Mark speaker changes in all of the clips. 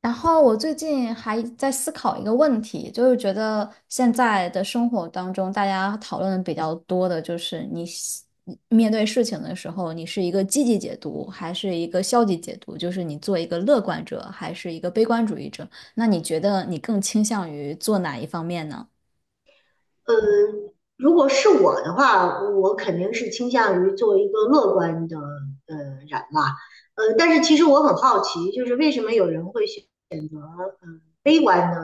Speaker 1: 然后我最近还在思考一个问题，就是觉得现在的生活当中，大家讨论的比较多的就是你面对事情的时候，你是一个积极解读还是一个消极解读？就是你做一个乐观者还是一个悲观主义者？那你觉得你更倾向于做哪一方面呢？
Speaker 2: 嗯，如果是我的话，我肯定是倾向于做一个乐观的呃人吧。但是其实我很好奇，就是为什么有人会选择悲观的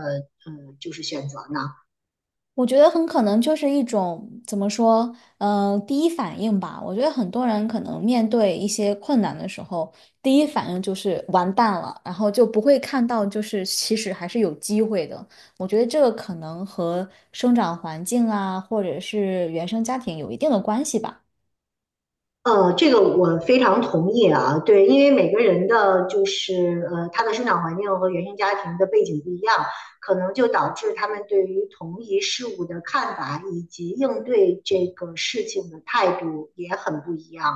Speaker 2: 就是选择呢？
Speaker 1: 我觉得很可能就是一种怎么说，第一反应吧。我觉得很多人可能面对一些困难的时候，第一反应就是完蛋了，然后就不会看到就是其实还是有机会的。我觉得这个可能和生长环境啊，或者是原生家庭有一定的关系吧。
Speaker 2: 这个我非常同意啊，对，因为每个人的就是他的生长环境和原生家庭的背景不一样，可能就导致他们对于同一事物的看法以及应对这个事情的态度也很不一样。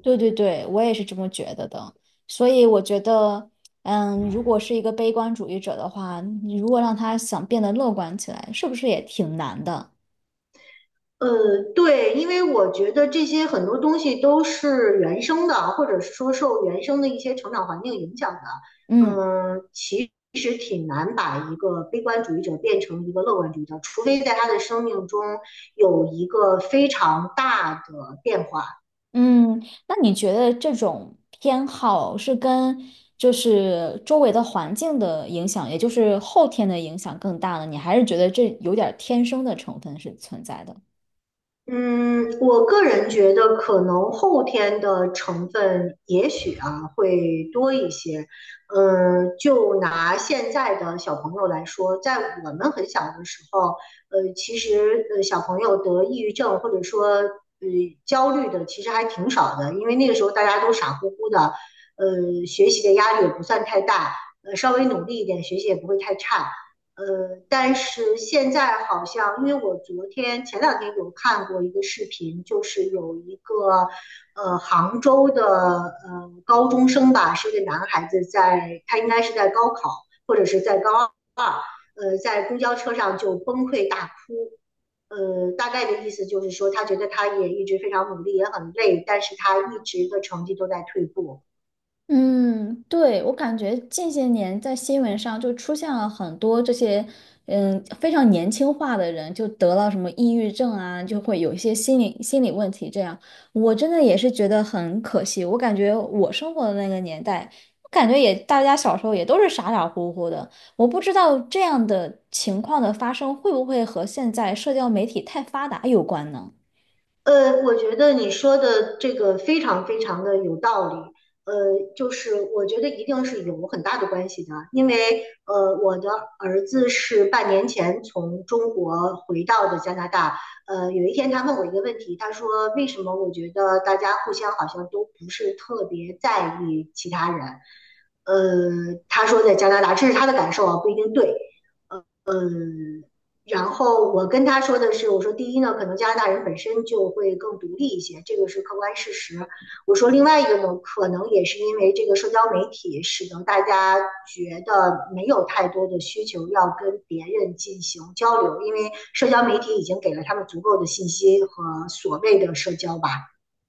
Speaker 1: 对对对，我也是这么觉得的。所以我觉得，嗯，如果是一个悲观主义者的话，你如果让他想变得乐观起来，是不是也挺难的？
Speaker 2: 呃，对，因为我觉得这些很多东西都是原生的啊，或者是说受原生的一些成长环境影响的。
Speaker 1: 嗯。
Speaker 2: 嗯，其实挺难把一个悲观主义者变成一个乐观主义者，除非在他的生命中有一个非常大的变化。
Speaker 1: 嗯，那你觉得这种偏好是跟就是周围的环境的影响，也就是后天的影响更大呢？你还是觉得这有点儿天生的成分是存在的？
Speaker 2: 嗯，我个人觉得可能后天的成分也许啊会多一些。嗯，就拿现在的小朋友来说，在我们很小的时候，其实小朋友得抑郁症或者说焦虑的其实还挺少的，因为那个时候大家都傻乎乎的，学习的压力也不算太大，稍微努力一点，学习也不会太差。但是现在好像，因为我昨天前两天有看过一个视频，就是有一个杭州的高中生吧，是一个男孩子在，他应该是在高考或者是在高二，在公交车上就崩溃大哭。大概的意思就是说，他觉得他也一直非常努力，也很累，但是他一直的成绩都在退步。
Speaker 1: 嗯，对，我感觉近些年在新闻上就出现了很多这些，嗯，非常年轻化的人，就得了什么抑郁症啊，就会有一些心理问题。这样，我真的也是觉得很可惜。我感觉我生活的那个年代，我感觉也大家小时候也都是傻傻乎乎的。我不知道这样的情况的发生会不会和现在社交媒体太发达有关呢？
Speaker 2: 我觉得你说的这个非常非常的有道理。呃，就是我觉得一定是有很大的关系的，因为我的儿子是半年前从中国回到的加拿大。有一天他问我一个问题，他说为什么我觉得大家互相好像都不是特别在意其他人？他说在加拿大，这是他的感受啊，不一定对。然后我跟他说的是，我说第一呢，可能加拿大人本身就会更独立一些，这个是客观事实。我说另外一个呢，可能也是因为这个社交媒体使得大家觉得没有太多的需求要跟别人进行交流，因为社交媒体已经给了他们足够的信息和所谓的社交吧。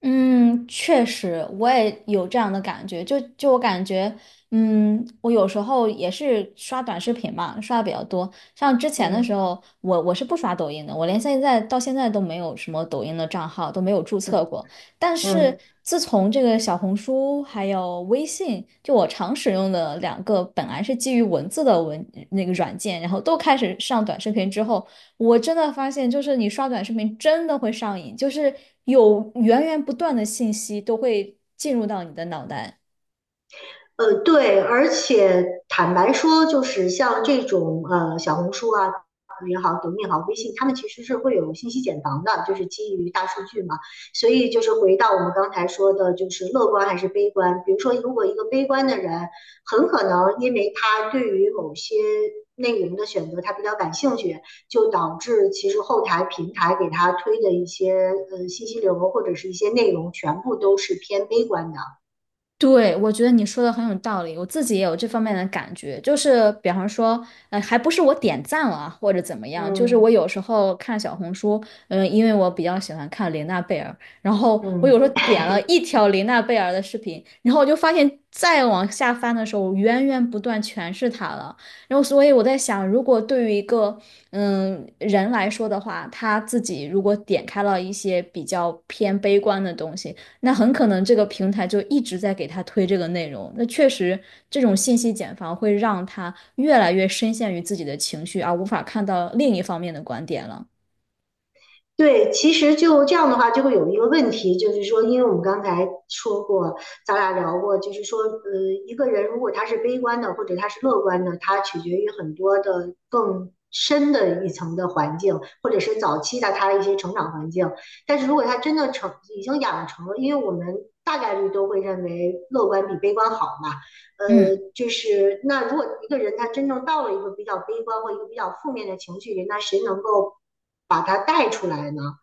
Speaker 1: 嗯，确实，我也有这样的感觉。就我感觉，嗯，我有时候也是刷短视频嘛，刷的比较多。像之前的时
Speaker 2: 嗯
Speaker 1: 候，我是不刷抖音的，我连现在到现在都没有什么抖音的账号，都没有注
Speaker 2: 嗯
Speaker 1: 册过。但是
Speaker 2: 嗯。
Speaker 1: 自从这个小红书还有微信，就我常使用的两个本来是基于文字的那个软件，然后都开始上短视频之后，我真的发现，就是你刷短视频真的会上瘾，就是有源源不断的信息都会进入到你的脑袋。
Speaker 2: 对，而且坦白说，就是像这种小红书啊也好，抖音也好，微信，他们其实是会有信息茧房的，就是基于大数据嘛。所以就是回到我们刚才说的，就是乐观还是悲观。比如说，如果一个悲观的人，很可能因为他对于某些内容的选择他比较感兴趣，就导致其实后台平台给他推的一些信息流或者是一些内容，全部都是偏悲观的。
Speaker 1: 对，我觉得你说的很有道理，我自己也有这方面的感觉，就是比方说，还不是我点赞了啊或者怎么样，就是我
Speaker 2: 嗯
Speaker 1: 有时候看小红书，嗯，因为我比较喜欢看琳娜贝尔，然后我
Speaker 2: 嗯。
Speaker 1: 有时候点了 一条琳娜贝尔的视频，然后我就发现再往下翻的时候，源源不断全是她了，然后所以我在想，如果对于一个嗯人来说的话，他自己如果点开了一些比较偏悲观的东西。那很可能这个平台就一直在给他推这个内容。那确实，这种信息茧房会让他越来越深陷于自己的情绪，而无法看到另一方面的观点了。
Speaker 2: 对，其实就这样的话，就会有一个问题，就是说，因为我们刚才说过，咱俩聊过，就是说，一个人如果他是悲观的，或者他是乐观的，他取决于很多的更深的一层的环境，或者是早期的他的一些成长环境。但是如果他真的成已经养成了，因为我们大概率都会认为乐观比悲观好嘛，
Speaker 1: 嗯。
Speaker 2: 就是那如果一个人他真正到了一个比较悲观或一个比较负面的情绪里，那谁能够把他带出来呢？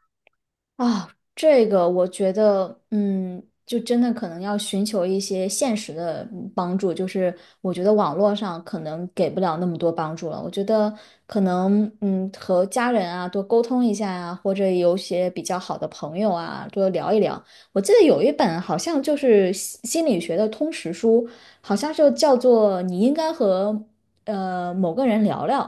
Speaker 1: 啊，这个我觉得，嗯，就真的可能要寻求一些现实的嗯帮助，就是我觉得网络上可能给不了那么多帮助了。我觉得可能，嗯，和家人啊多沟通一下呀、或者有些比较好的朋友啊多聊一聊。我记得有一本好像就是心理学的通识书，好像就叫做《你应该和某个人聊聊》，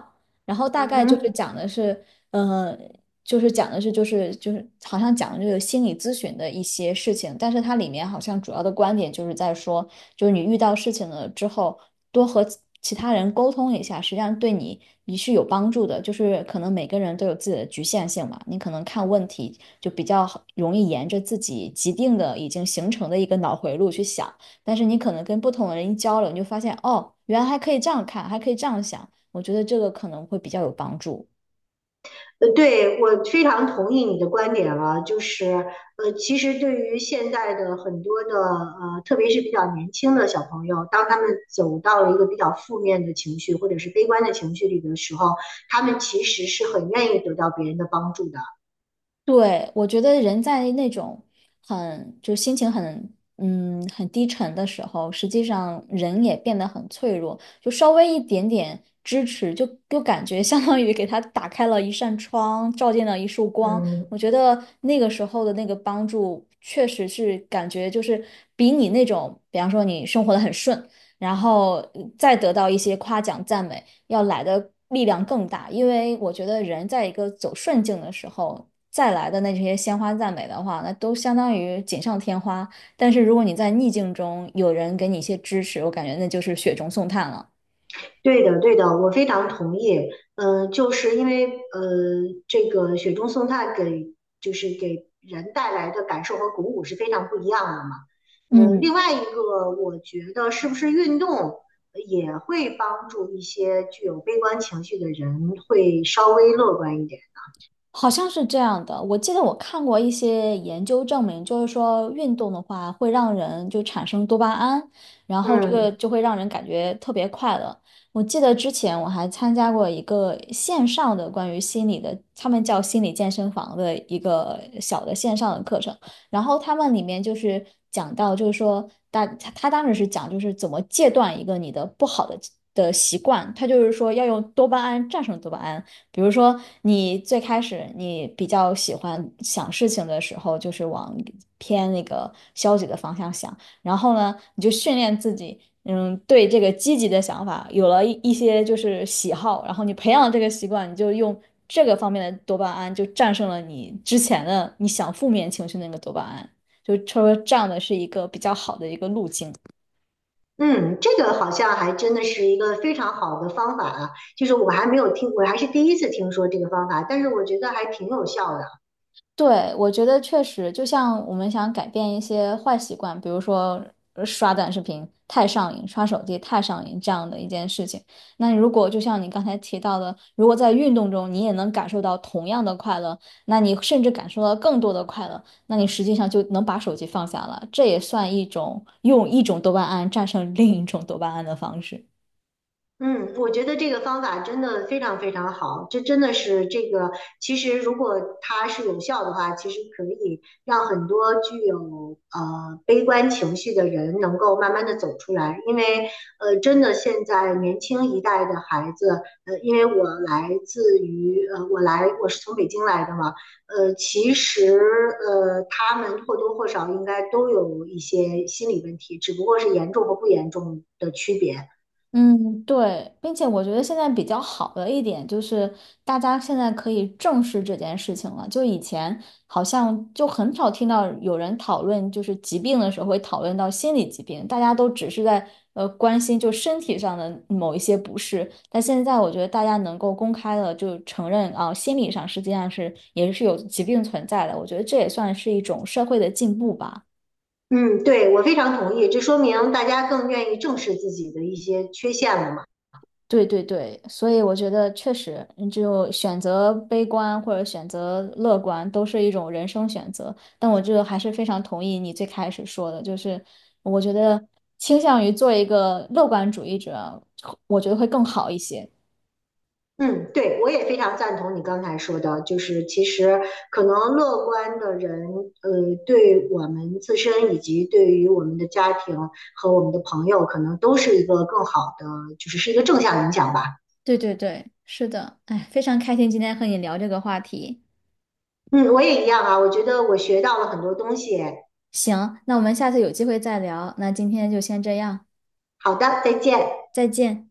Speaker 1: 然后大
Speaker 2: 嗯
Speaker 1: 概就是
Speaker 2: 哼。
Speaker 1: 讲的是。嗯。就是讲的是就是好像讲的就是心理咨询的一些事情，但是它里面好像主要的观点就是在说，就是你遇到事情了之后，多和其他人沟通一下，实际上对你是有帮助的。就是可能每个人都有自己的局限性嘛，你可能看问题就比较好容易沿着自己既定的已经形成的一个脑回路去想，但是你可能跟不同的人一交流，你就发现哦，原来还可以这样看，还可以这样想，我觉得这个可能会比较有帮助。
Speaker 2: 对，我非常同意你的观点了，就是其实对于现在的很多的特别是比较年轻的小朋友，当他们走到了一个比较负面的情绪或者是悲观的情绪里的时候，他们其实是很愿意得到别人的帮助的。
Speaker 1: 对，我觉得人在那种心情很嗯很低沉的时候，实际上人也变得很脆弱，就稍微一点点支持，就感觉相当于给他打开了一扇窗，照进了一束光。
Speaker 2: 嗯，
Speaker 1: 我觉得那个时候的那个帮助，确实是感觉就是比你那种，比方说你生活的很顺，然后再得到一些夸奖赞美。要来的力量更大，因为我觉得人在一个走顺境的时候，再来的那些鲜花赞美的话，那都相当于锦上添花。但是如果你在逆境中有人给你一些支持，我感觉那就是雪中送炭了。
Speaker 2: 对的，对的，我非常同意。嗯，就是因为这个雪中送炭给就是给人带来的感受和鼓舞是非常不一样的嘛。
Speaker 1: 嗯。
Speaker 2: 另外一个，我觉得是不是运动也会帮助一些具有悲观情绪的人会稍微乐观一点？
Speaker 1: 好像是这样的，我记得我看过一些研究证明，就是说运动的话会让人就产生多巴胺，然后这个
Speaker 2: 嗯
Speaker 1: 就会让人感觉特别快乐。我记得之前我还参加过一个线上的关于心理的，他们叫心理健身房的一个小的线上的课程，然后他们里面就是讲到，就是说大他当时是讲就是怎么戒断一个你的不好的的习惯，他就是说要用多巴胺战胜多巴胺。比如说，你最开始你比较喜欢想事情的时候，就是往偏那个消极的方向想，然后呢，你就训练自己，嗯，对这个积极的想法有了一些就是喜好，然后你培养了这个习惯，你就用这个方面的多巴胺就战胜了你之前的你想负面情绪那个多巴胺，就说这样的是一个比较好的一个路径。
Speaker 2: 嗯，这个好像还真的是一个非常好的方法啊。就是我还没有听，我还是第一次听说这个方法，但是我觉得还挺有效的。
Speaker 1: 对，我觉得确实，就像我们想改变一些坏习惯，比如说刷短视频太上瘾、刷手机太上瘾这样的一件事情。那如果就像你刚才提到的，如果在运动中你也能感受到同样的快乐，那你甚至感受到更多的快乐，那你实际上就能把手机放下了。这也算一种用一种多巴胺战胜另一种多巴胺的方式。
Speaker 2: 嗯，我觉得这个方法真的非常非常好，这真的是这个，其实如果它是有效的话，其实可以让很多具有悲观情绪的人能够慢慢的走出来，因为真的现在年轻一代的孩子，因为我来自于我来我是从北京来的嘛，其实他们或多或少应该都有一些心理问题，只不过是严重和不严重的区别。
Speaker 1: 嗯，对，并且我觉得现在比较好的一点就是，大家现在可以正视这件事情了。就以前好像就很少听到有人讨论，就是疾病的时候会讨论到心理疾病，大家都只是在关心就身体上的某一些不适。但现在我觉得大家能够公开的就承认啊，心理上实际上是也是有疾病存在的。我觉得这也算是一种社会的进步吧。
Speaker 2: 嗯，对，我非常同意，这说明大家更愿意正视自己的一些缺陷了嘛。
Speaker 1: 对对对，所以我觉得确实，嗯就选择悲观或者选择乐观都是一种人生选择。但我这还是非常同意你最开始说的，就是我觉得倾向于做一个乐观主义者，我觉得会更好一些。
Speaker 2: 嗯，对，我也非常赞同你刚才说的，就是其实可能乐观的人，对我们自身以及对于我们的家庭和我们的朋友，可能都是一个更好的，就是是一个正向影响吧。
Speaker 1: 对对对，是的，哎，非常开心今天和你聊这个话题。
Speaker 2: 嗯，我也一样啊，我觉得我学到了很多东西。
Speaker 1: 行，那我们下次有机会再聊。那今天就先这样，
Speaker 2: 好的，再见。
Speaker 1: 再见。